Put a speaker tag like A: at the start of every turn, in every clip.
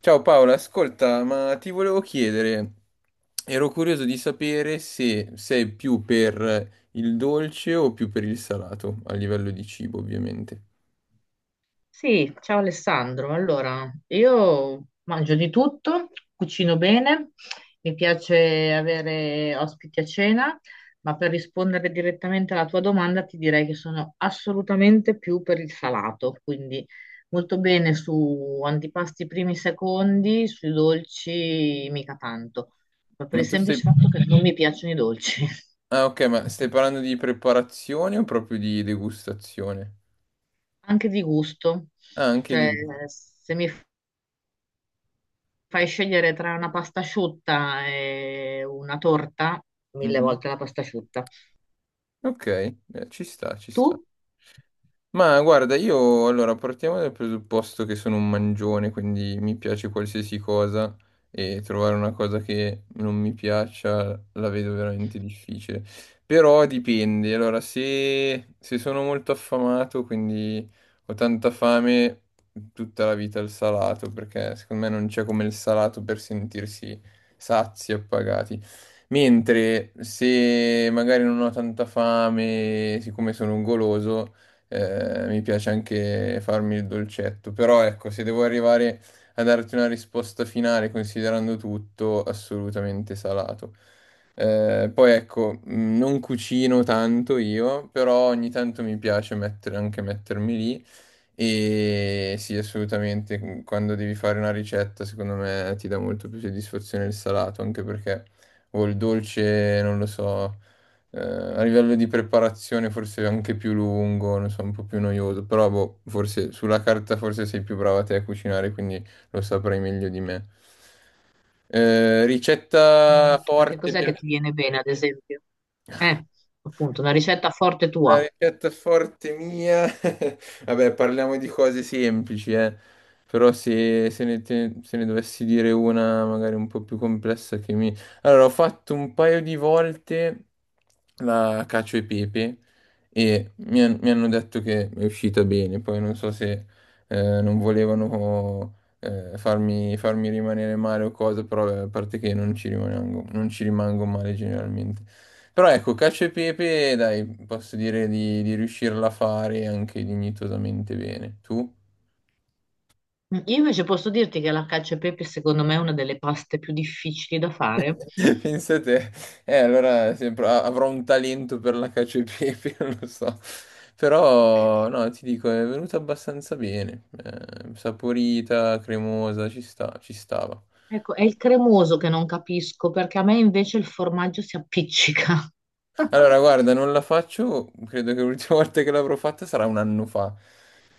A: Ciao Paola, ascolta, ma ti volevo chiedere, ero curioso di sapere se sei più per il dolce o più per il salato, a livello di cibo, ovviamente.
B: Sì, ciao Alessandro. Allora, io mangio di tutto, cucino bene, mi piace avere ospiti a cena, ma per rispondere direttamente alla tua domanda ti direi che sono assolutamente più per il salato, quindi molto bene su antipasti primi secondi, sui dolci mica tanto, ma per
A: Ma
B: il
A: tu
B: semplice
A: stai...
B: fatto che non mi piacciono i dolci,
A: Ok, ma stai parlando di preparazione o proprio di degustazione?
B: anche di gusto.
A: Ah, anche di...
B: Cioè, se mi fai scegliere tra una pasta asciutta e una torta, mille
A: Mhm.
B: volte la pasta asciutta.
A: Ok, ci sta, ci sta.
B: Tu?
A: Ma guarda, io allora partiamo dal presupposto che sono un mangione, quindi mi piace qualsiasi cosa e trovare una cosa che non mi piaccia la vedo veramente difficile. Però dipende, allora se sono molto affamato, quindi ho tanta fame tutta la vita il salato, perché secondo me non c'è come il salato per sentirsi sazi e appagati. Mentre se magari non ho tanta fame, siccome sono un goloso mi piace anche farmi il dolcetto, però ecco, se devo arrivare a darti una risposta finale considerando tutto, assolutamente salato. Poi ecco, non cucino tanto io, però ogni tanto mi piace anche mettermi lì e sì, assolutamente, quando devi fare una ricetta, secondo me ti dà molto più soddisfazione il salato, anche perché o il dolce, non lo so, a livello di preparazione forse è anche più lungo, non so, un po' più noioso, però boh, forse sulla carta forse sei più brava te a cucinare, quindi lo saprai meglio di me. Ricetta
B: Ma che
A: forte,
B: cos'è che
A: piatto.
B: ti viene bene, ad esempio? Eh, appunto, una ricetta forte
A: La
B: tua.
A: ricetta forte mia. Vabbè, parliamo di cose semplici, eh. Però se ne dovessi dire una magari un po' più complessa che mi... Allora, ho fatto un paio di volte la cacio e pepe e mi hanno detto che è uscita bene. Poi non so se non volevano farmi rimanere male o cose, però a parte che non ci rimango, non ci rimango male generalmente. Però ecco, cacio e pepe, dai, posso dire di riuscirla a fare anche dignitosamente bene. Tu?
B: Io invece posso dirti che la cacio e pepe, secondo me, è una delle paste più difficili da fare.
A: Pensa te, allora avrò un talento per la cacio e pepe, non lo so. Però, no, ti dico, è venuta abbastanza bene. Saporita, cremosa, ci sta, ci stava.
B: Ecco, è il cremoso che non capisco, perché a me invece il formaggio si appiccica.
A: Allora, guarda, non la faccio, credo che l'ultima volta che l'avrò fatta sarà un anno fa.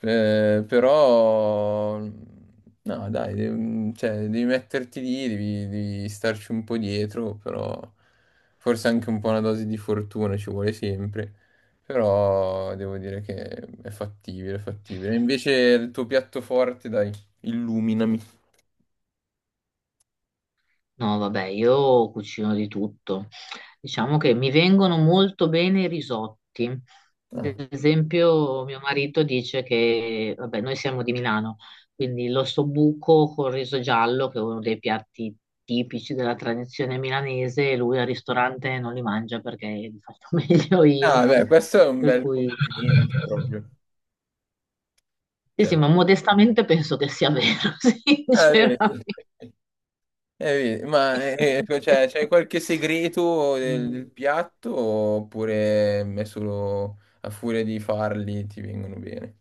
A: Però, no, dai, cioè, devi metterti lì, devi starci un po' dietro, però forse anche un po' una dose di fortuna ci vuole sempre. Però devo dire che è fattibile, è fattibile. Invece il tuo piatto forte, dai, illuminami.
B: No, vabbè, io cucino di tutto. Diciamo che mi vengono molto bene i risotti.
A: Ah,
B: Ad esempio, mio marito dice che, vabbè, noi siamo di Milano, quindi l'ossobuco col riso giallo, che è uno dei piatti tipici della tradizione milanese, lui al ristorante non li mangia perché li faccio meglio io.
A: Ah, beh, questo è un
B: Per
A: bel
B: cui,
A: complimento proprio.
B: sì,
A: Cioè,
B: sì, ma modestamente penso che sia vero,
A: ah, vedi.
B: sinceramente.
A: Vedi, ma cioè, c'è qualche segreto
B: Mm.
A: del piatto oppure è solo a furia di farli ti vengono bene?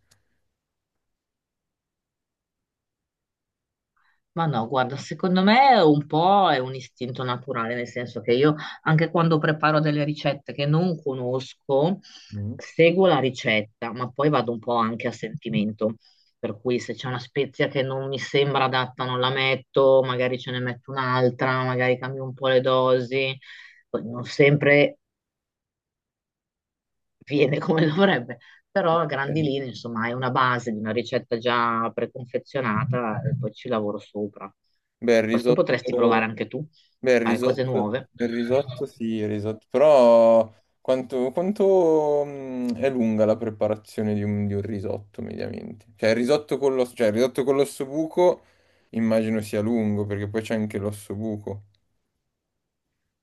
B: Ma no, guarda, secondo me un po' è un istinto naturale, nel senso che io anche quando preparo delle ricette che non conosco,
A: Mm.
B: seguo la ricetta, ma poi vado un po' anche a sentimento. Per cui se c'è una spezia che non mi sembra adatta, non la metto, magari ce ne metto un'altra, magari cambio un po' le dosi. Poi non sempre viene come dovrebbe, però a grandi linee, insomma, è una base di una ricetta già preconfezionata e poi ci lavoro sopra.
A: Beh, il
B: Questo potresti
A: risotto,
B: provare anche tu,
A: beh,
B: fare cose nuove.
A: il risotto sì, Il risotto, però quanto è lunga la preparazione di di un risotto mediamente? Cioè il risotto con l'osso buco immagino sia lungo perché poi c'è anche l'osso buco.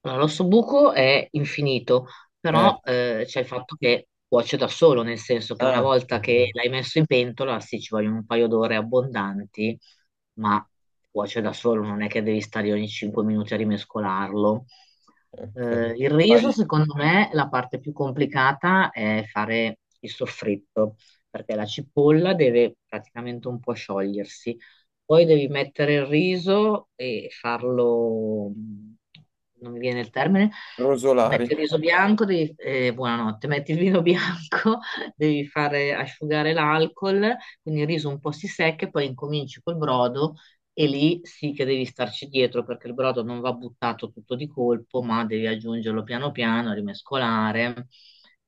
B: Allora, l'osso buco è infinito,
A: Eh,
B: però c'è il fatto che cuoce da solo, nel senso che una
A: ah,
B: volta che l'hai messo in pentola, sì, ci vogliono un paio d'ore abbondanti, ma cuoce da solo, non è che devi stare ogni 5 minuti a rimescolarlo.
A: ok, quindi
B: Il riso,
A: fai
B: secondo me, la parte più complicata è fare il soffritto, perché la cipolla deve praticamente un po' sciogliersi poi devi mettere il riso e farlo, non mi viene il termine, metti
A: rosolari.
B: il riso bianco, buonanotte, metti il vino bianco, devi fare asciugare l'alcol, quindi il riso un po' si secca e poi incominci col brodo e lì sì che devi starci dietro perché il brodo non va buttato tutto di colpo, ma devi aggiungerlo piano piano, rimescolare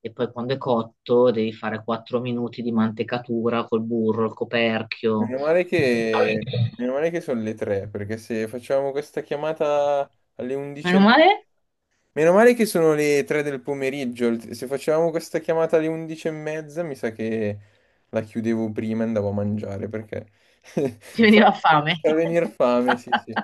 B: e poi quando è cotto devi fare 4 minuti di mantecatura col burro, il coperchio.
A: Meno male che, Meno male che sono le tre, perché se facciamo questa chiamata alle
B: Meno
A: 11:30.
B: male,
A: Meno male che sono le 3 del pomeriggio. Se facevamo questa chiamata alle 11 e mezza, mi sa che la chiudevo prima e andavo a mangiare perché
B: ti
A: fa
B: veniva fame.
A: fa venire fame, sì, sì.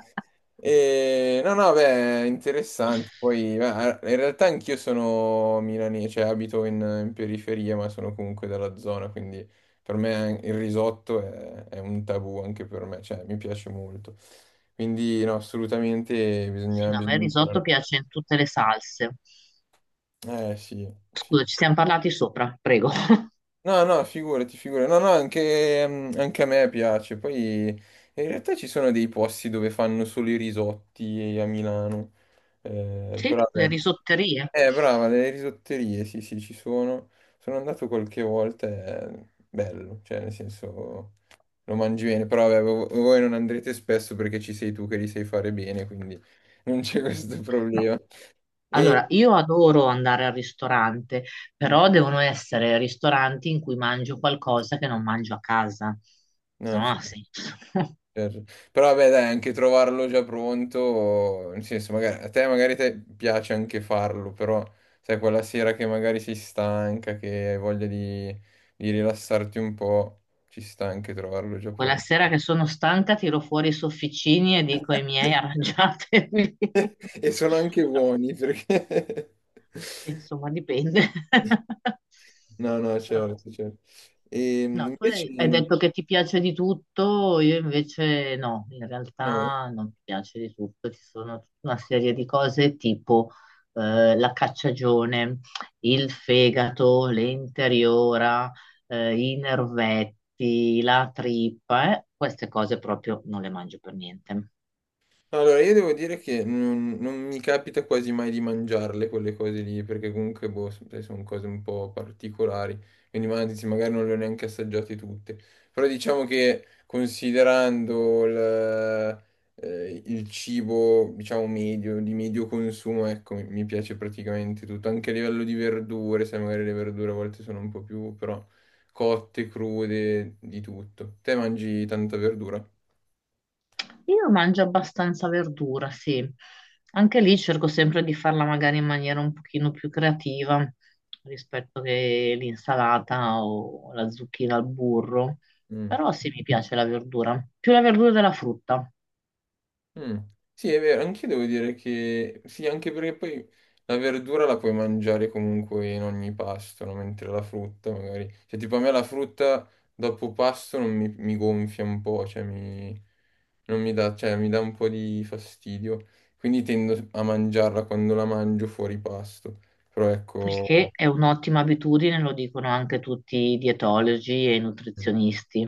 A: E... No, no, beh, interessante. Poi, beh, in realtà anch'io sono milanese, cioè in periferia, ma sono comunque dalla zona, quindi per me il risotto è un tabù anche per me, cioè mi piace molto. Quindi, no, assolutamente
B: Sì, no, a me
A: bisogna...
B: il risotto
A: imparare.
B: piace in tutte le salse.
A: Eh sì, sì.
B: Scusa, ci siamo parlati sopra, prego.
A: No, no, figurati, figurati. No, no, anche, anche a me piace. Poi in realtà ci sono dei posti dove fanno solo i risotti a Milano. Però
B: Sì, le
A: vabbè.
B: risotterie.
A: Brava, le risotterie, sì, sì, ci sono. Sono andato qualche volta, è bello, cioè nel senso lo mangi bene, però vabbè, voi non andrete spesso perché ci sei tu che li sai fare bene, quindi non c'è questo
B: No.
A: problema. E...
B: Allora, io adoro andare al ristorante, però devono essere ristoranti in cui mangio qualcosa che non mangio a casa. Se
A: No,
B: no,
A: c'è.
B: non ha senso.
A: Certo. Però vabbè, dai, anche trovarlo già pronto, nel senso, magari, a te magari te piace anche farlo, però sai, quella sera che magari sei stanca, che hai voglia di rilassarti un po', ci sta anche trovarlo già
B: Quella
A: pronto.
B: sera che sono stanca, tiro fuori i sofficini e dico ai miei arrangiatevi.
A: E sono anche buoni perché...
B: Sì, insomma, dipende.
A: No, no,
B: Però
A: certo,
B: sì.
A: certo. E
B: No, tu hai
A: invece...
B: detto che ti piace di tutto, io invece no, in
A: no.
B: realtà non mi piace di tutto, ci sono tutta una serie di cose tipo la cacciagione, il fegato, l'interiora, i nervetti, la trippa, queste cose proprio non le mangio per niente.
A: Allora, io devo dire che non mi capita quasi mai di mangiarle quelle cose lì, perché comunque, boh, sai, sono cose un po' particolari, quindi anzi, magari non le ho neanche assaggiate tutte. Però diciamo che considerando il cibo, diciamo, medio, di medio consumo, ecco, mi piace praticamente tutto, anche a livello di verdure, sai, magari le verdure a volte sono un po' più, però, cotte, crude, di tutto. Te mangi tanta verdura?
B: Io mangio abbastanza verdura, sì. Anche lì cerco sempre di farla magari in maniera un pochino più creativa rispetto che l'insalata o la zucchina al burro.
A: Mm.
B: Però sì, mi piace la verdura, più la verdura della frutta,
A: Mm. Sì, è vero, anche io devo dire che sì, anche perché poi la verdura la puoi mangiare comunque in ogni pasto, no? Mentre la frutta magari, cioè tipo a me la frutta dopo pasto non mi gonfia un po', cioè non mi dà, cioè, mi dà un po' di fastidio, quindi tendo a mangiarla quando la mangio fuori pasto, però
B: il che
A: ecco,
B: è un'ottima abitudine, lo dicono anche tutti i dietologi e i nutrizionisti.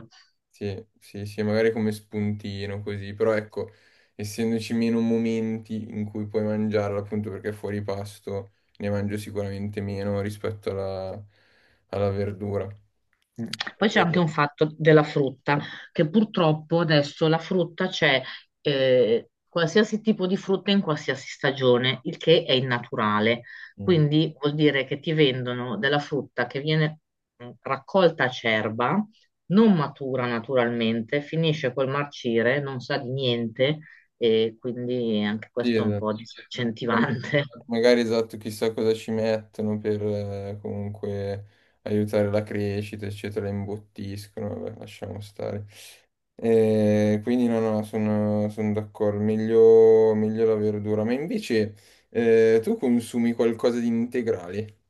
A: sì, sì, sì, magari come spuntino così, però ecco, essendoci meno momenti in cui puoi mangiarla, appunto perché fuori pasto ne mangio sicuramente meno rispetto alla verdura.
B: Mm. Poi c'è
A: E-
B: anche un fatto della frutta, che purtroppo adesso la frutta c'è qualsiasi tipo di frutta in qualsiasi stagione, il che è innaturale.
A: mm.
B: Quindi vuol dire che ti vendono della frutta che viene raccolta a cerba, non matura naturalmente, finisce col marcire, non sa di niente e quindi anche
A: Sì,
B: questo è un
A: esatto.
B: po'
A: Ma...
B: disincentivante.
A: magari esatto, chissà cosa ci mettono per comunque aiutare la crescita, eccetera, la imbottiscono, vabbè, lasciamo stare. Quindi no, no, sono d'accordo, meglio, meglio la verdura. Ma invece tu consumi qualcosa di integrale?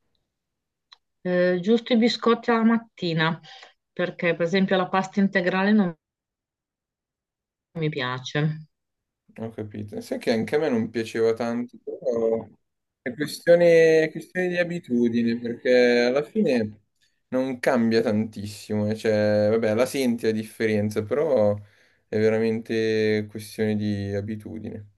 B: Giusto i biscotti alla mattina, perché per esempio la pasta integrale non mi piace
A: Ho capito. Sai che anche a me non piaceva tanto, però è è questione di abitudine, perché alla fine non cambia tantissimo. Cioè, vabbè, la senti la differenza, però è veramente questione di abitudine.